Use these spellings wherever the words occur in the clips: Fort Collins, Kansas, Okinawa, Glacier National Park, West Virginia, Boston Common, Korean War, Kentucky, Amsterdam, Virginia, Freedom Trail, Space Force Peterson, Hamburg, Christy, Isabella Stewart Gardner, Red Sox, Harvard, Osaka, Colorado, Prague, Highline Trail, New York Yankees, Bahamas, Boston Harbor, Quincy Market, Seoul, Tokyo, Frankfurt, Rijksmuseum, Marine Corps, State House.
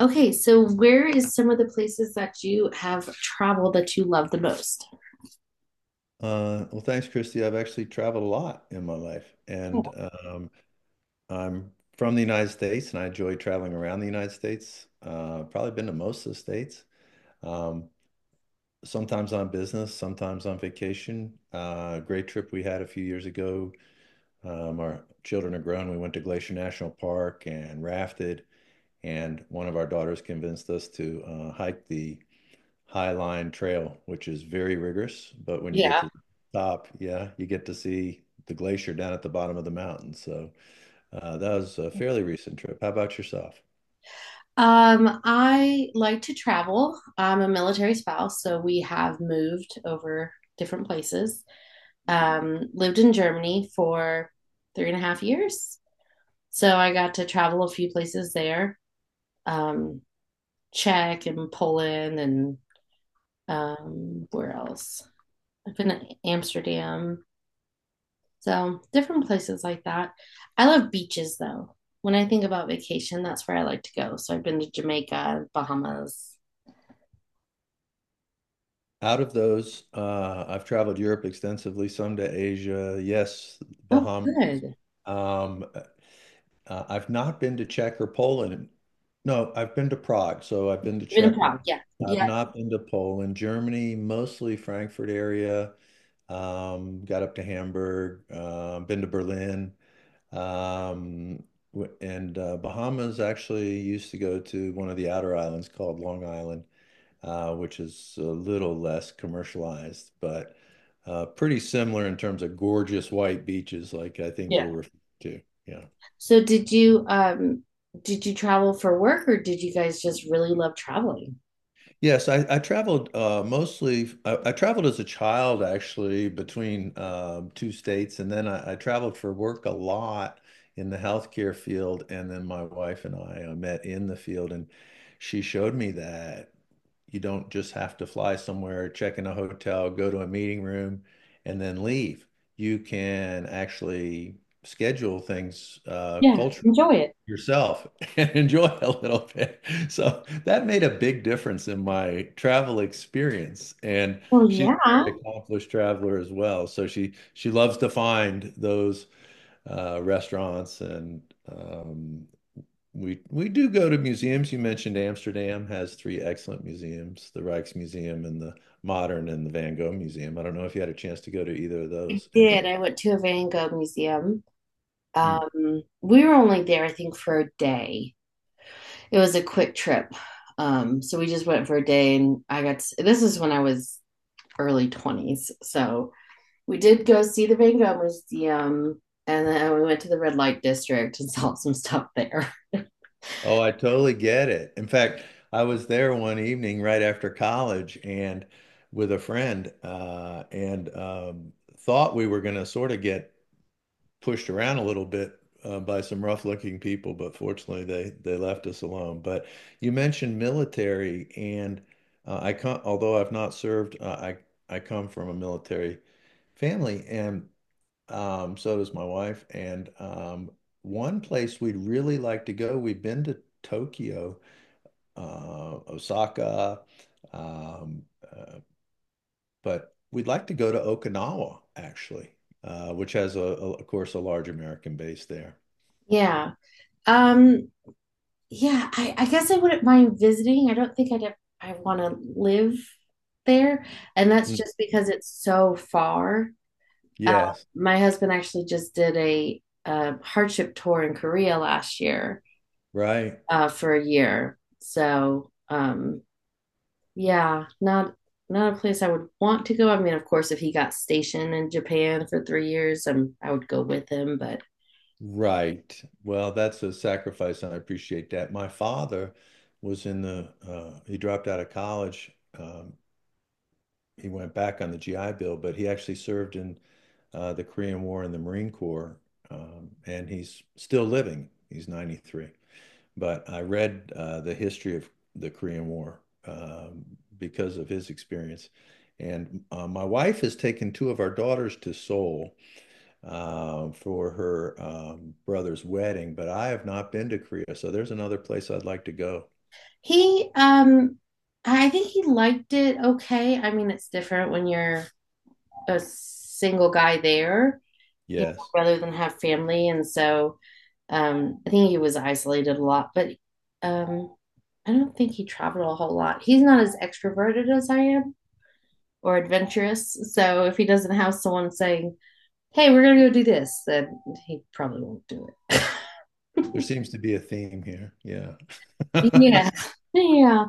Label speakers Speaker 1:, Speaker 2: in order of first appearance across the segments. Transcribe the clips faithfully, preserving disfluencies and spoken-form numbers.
Speaker 1: Okay, so where is some of the places that you have traveled that you love the most?
Speaker 2: Uh, well, thanks, Christy. I've actually traveled a lot in my life, and
Speaker 1: Oh,
Speaker 2: um, I'm from the United States, and I enjoy traveling around the United States. Uh, probably been to most of the states. Um, Sometimes on business, sometimes on vacation. Uh, great trip we had a few years ago. Um, our children are grown. We went to Glacier National Park and rafted, and one of our daughters convinced us to uh, hike the Highline Trail, which is very rigorous. But when you get
Speaker 1: yeah.
Speaker 2: to the top, yeah, you get to see the glacier down at the bottom of the mountain. So uh, that was a fairly recent trip. How about yourself?
Speaker 1: Um, I like to travel. I'm a military spouse, so we have moved over different places. Um, lived in Germany for three and a half years, so I got to travel a few places there. Um, Czech and Poland and um, where else? I've been to Amsterdam. So different places like that. I love beaches though. When I think about vacation, that's where I like to go. So I've been to Jamaica, Bahamas.
Speaker 2: Out of those, uh, I've traveled Europe extensively, some to Asia, yes,
Speaker 1: Oh,
Speaker 2: Bahamas.
Speaker 1: good.
Speaker 2: Um, uh, I've not been to Czech or Poland. No, I've been to Prague, so I've been to
Speaker 1: You've been to
Speaker 2: Czech one.
Speaker 1: Prague, yeah.
Speaker 2: I've
Speaker 1: Yeah.
Speaker 2: not been to Poland, Germany, mostly Frankfurt area, um, got up to Hamburg, uh, been to Berlin, um, and uh, Bahamas actually used to go to one of the outer islands called Long Island, uh, which is a little less commercialized, but uh, pretty similar in terms of gorgeous white beaches, like I think you're
Speaker 1: Yeah.
Speaker 2: referring to. Yeah.
Speaker 1: So did you um did you travel for work or did you guys just really love traveling?
Speaker 2: Yes, I, I traveled uh, mostly. I, I traveled as a child, actually, between um, two states, and then I, I traveled for work a lot in the healthcare field. And then my wife and I uh, met in the field, and she showed me that you don't just have to fly somewhere, check in a hotel, go to a meeting room, and then leave. You can actually schedule things uh,
Speaker 1: Yeah.
Speaker 2: culturally
Speaker 1: Enjoy it.
Speaker 2: yourself and enjoy a little bit. So that made a big difference in my travel experience. And
Speaker 1: Well,
Speaker 2: she's
Speaker 1: yeah, I
Speaker 2: a very accomplished traveler as well. So she she loves to find those uh, restaurants and um, we we do go to museums. You mentioned Amsterdam has three excellent museums, the Rijksmuseum and the Modern and the Van Gogh Museum. I don't know if you had a chance to go to either of those. And,
Speaker 1: did.
Speaker 2: uh,
Speaker 1: I went to a Van Gogh museum.
Speaker 2: hmm.
Speaker 1: Um, we were only there, I think, for a day. It was a quick trip. Um, so we just went for a day and I got to, this is when I was early twenties. So we did go see the Van Gogh Museum and then we went to the red light district and saw some stuff there.
Speaker 2: Oh, I totally get it. In fact, I was there one evening right after college and with a friend, uh, and um, thought we were going to sort of get pushed around a little bit uh, by some rough-looking people, but fortunately they they left us alone. But you mentioned military, and uh, I come, although I've not served, uh, I I come from a military family, and um, so does my wife. And um, one place we'd really like to go, we've been to Tokyo uh, Osaka. um, uh, But we'd like to go to Okinawa, actually, uh, which has, a, a, of course, a large American base there.
Speaker 1: yeah. Um yeah, I, I guess I wouldn't mind visiting. I don't think I'd have, I want to live there. And that's
Speaker 2: Mm.
Speaker 1: just because it's so far. Uh,
Speaker 2: Yes,
Speaker 1: my husband actually just did a, a hardship tour in Korea last year
Speaker 2: right,
Speaker 1: uh, for a year. So um, yeah, not not a place I would want to go. I mean, of course, if he got stationed in Japan for three years, um, I would go with him. But
Speaker 2: right. Well, that's a sacrifice, and I appreciate that. My father was in the, uh, he dropped out of college. Um, he went back on the G I Bill, but he actually served in uh, the Korean War in the Marine Corps, um, and he's still living. He's ninety-three. But I read uh, the history of the Korean War um, because of his experience. And uh, my wife has taken two of our daughters to Seoul uh, for her um, brother's wedding, but I have not been to Korea. So there's another place I'd like to go.
Speaker 1: he, um, I think he liked it okay. I mean, it's different when you're a single guy there, you
Speaker 2: Yes,
Speaker 1: know, rather than have family. And so, um, I think he was isolated a lot. But um, I don't think he traveled a whole lot. He's not as extroverted as I am or adventurous. So if he doesn't have someone saying, hey, we're gonna go do this, that he probably won't do it.
Speaker 2: there seems to be a theme here. Yeah.
Speaker 1: yeah. Yeah.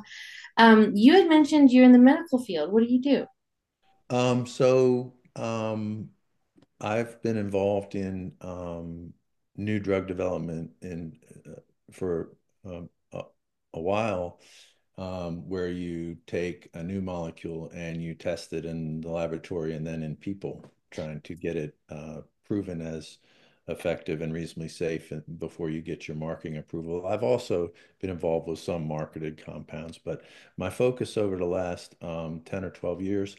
Speaker 1: Um, you had mentioned you're in the medical field. What do you do?
Speaker 2: Um, so um, I've been involved in um, new drug development in uh, for um, a, a while. Um, where you take a new molecule and you test it in the laboratory and then in people, trying to get it uh, proven as effective and reasonably safe before you get your marketing approval. I've also been involved with some marketed compounds, but my focus over the last um, ten or twelve years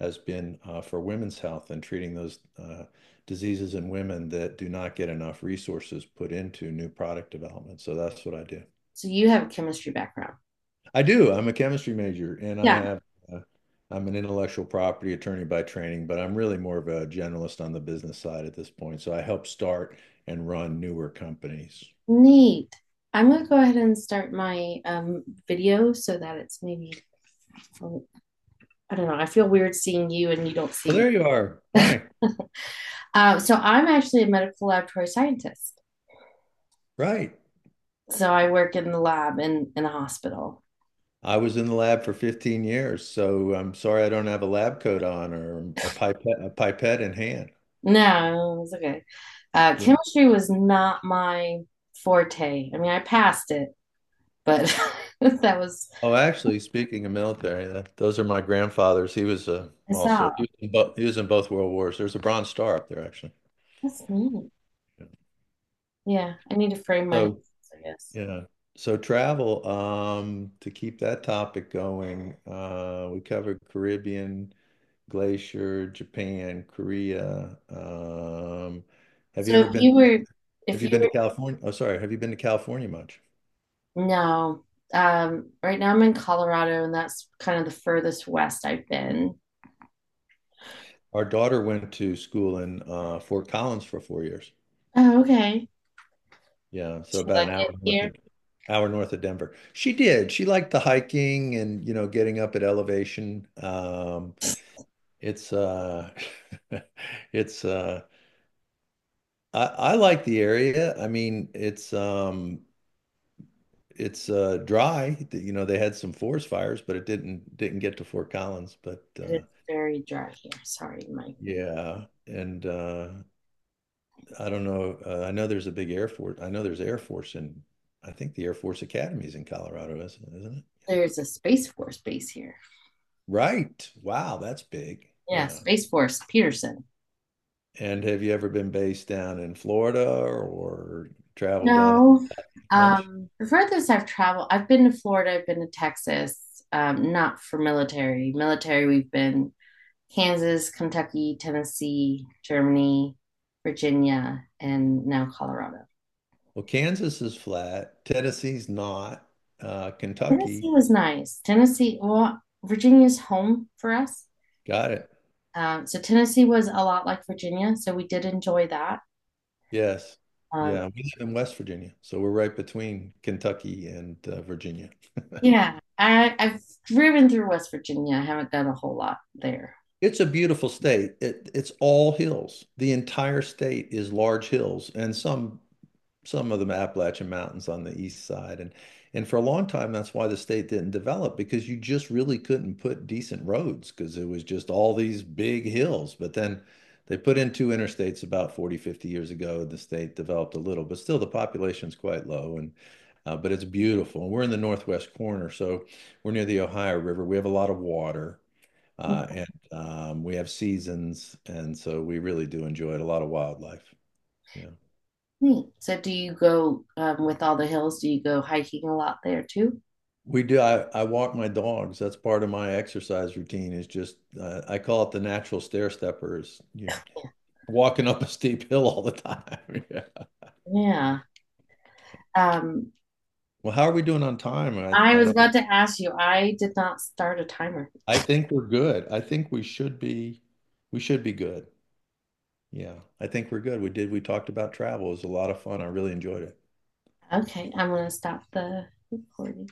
Speaker 2: has been uh, for women's health and treating those uh, diseases in women that do not get enough resources put into new product development. So that's what I do.
Speaker 1: So you have a chemistry background.
Speaker 2: I do. I'm a chemistry major and I
Speaker 1: Yeah.
Speaker 2: have uh, I'm an intellectual property attorney by training, but I'm really more of a generalist on the business side at this point. So I help start and run newer companies.
Speaker 1: Neat. I'm gonna go ahead and start my um video so that it's maybe I don't know. I feel weird seeing you and you don't see
Speaker 2: Well,
Speaker 1: me.
Speaker 2: there you are. Hi.
Speaker 1: Uh, so I'm actually a medical laboratory scientist.
Speaker 2: Right.
Speaker 1: So I work in the lab in in a hospital.
Speaker 2: I was in the lab for fifteen years, so I'm sorry I don't have a lab coat on or a pipette a pipette in hand.
Speaker 1: No, it was okay. Uh,
Speaker 2: Yeah.
Speaker 1: chemistry was not my forte. I mean, I passed it, but that was,
Speaker 2: Oh, actually, speaking of military, that, those are my grandfather's. He was uh,
Speaker 1: I
Speaker 2: also
Speaker 1: saw.
Speaker 2: he was, in bo- he was in both World Wars. There's a Bronze Star up there, actually.
Speaker 1: That's me.
Speaker 2: Yeah.
Speaker 1: Yeah, I need to frame my
Speaker 2: So
Speaker 1: house, I guess.
Speaker 2: yeah. So travel, um, to keep that topic going, uh, we covered Caribbean, Glacier, Japan, Korea. Um, have you
Speaker 1: So if
Speaker 2: ever been,
Speaker 1: you were, if
Speaker 2: have you been to
Speaker 1: you
Speaker 2: California? Oh, sorry. Have you been to California much?
Speaker 1: were, no, um, right now I'm in Colorado and that's kind of the furthest west I've been.
Speaker 2: Our daughter went to school in uh, Fort Collins for four years.
Speaker 1: Oh, okay.
Speaker 2: Yeah, so
Speaker 1: Should
Speaker 2: about
Speaker 1: I
Speaker 2: an hour
Speaker 1: get
Speaker 2: north
Speaker 1: here?
Speaker 2: of hour north of Denver. She did. She liked the hiking and you know getting up at elevation. Um, it's uh, it's uh, I, I like the area. I mean, it's um it's uh dry. Th- You know, they had some forest fires, but it didn't didn't get to Fort Collins. But
Speaker 1: It is
Speaker 2: uh
Speaker 1: very dry here. Sorry, Mike.
Speaker 2: yeah, and uh I don't know. Uh, I know there's a big Air Force. I know there's Air Force in I think the Air Force Academy is in Colorado, isn't isn't it?
Speaker 1: There's a Space Force base here.
Speaker 2: Right. Wow, that's big.
Speaker 1: Yeah,
Speaker 2: Yeah.
Speaker 1: Space Force Peterson.
Speaker 2: And have you ever been based down in Florida or traveled down it
Speaker 1: No.
Speaker 2: much?
Speaker 1: Um, before this, I've traveled. I've been to Florida. I've been to Texas. Um, not for military. Military, we've been Kansas, Kentucky, Tennessee, Germany, Virginia, and now Colorado.
Speaker 2: Well, Kansas is flat. Tennessee's not. Uh,
Speaker 1: Tennessee
Speaker 2: Kentucky
Speaker 1: was nice. Tennessee, well, Virginia's home for us.
Speaker 2: Got it.
Speaker 1: Um, so Tennessee was a lot like Virginia, so we did enjoy that.
Speaker 2: Yes.
Speaker 1: Um,
Speaker 2: Yeah, we live in West Virginia, so we're right between Kentucky and uh, Virginia.
Speaker 1: yeah, I, I've driven through West Virginia. I haven't done a whole lot there.
Speaker 2: It's a beautiful state. It, it's all hills. The entire state is large hills and some some of the Appalachian Mountains on the east side. And and for a long time, that's why the state didn't develop because you just really couldn't put decent roads because it was just all these big hills. But then they put in two interstates about forty fifty years ago, and the state developed a little, but still the population's quite low. And uh, but it's beautiful. And we're in the northwest corner, so we're near the Ohio River. We have a lot of water. Uh, and um, We have seasons, and so we really do enjoy it. A lot of wildlife. Yeah.
Speaker 1: Neat. So do you go um, with all the hills? Do you go hiking a lot there too?
Speaker 2: We do. I, I walk my dogs. That's part of my exercise routine is just, uh, I call it the natural stair steppers. You're walking up a steep hill all the time. Yeah.
Speaker 1: Yeah. Um,
Speaker 2: Well, how are we doing on time? I,
Speaker 1: I
Speaker 2: I
Speaker 1: was
Speaker 2: don't,
Speaker 1: about to ask you. I did not start a timer.
Speaker 2: I think we're good. I think we should be, we should be good. Yeah. I think we're good. We did. We talked about travel. It was a lot of fun. I really enjoyed it.
Speaker 1: Okay, I'm gonna stop the recording.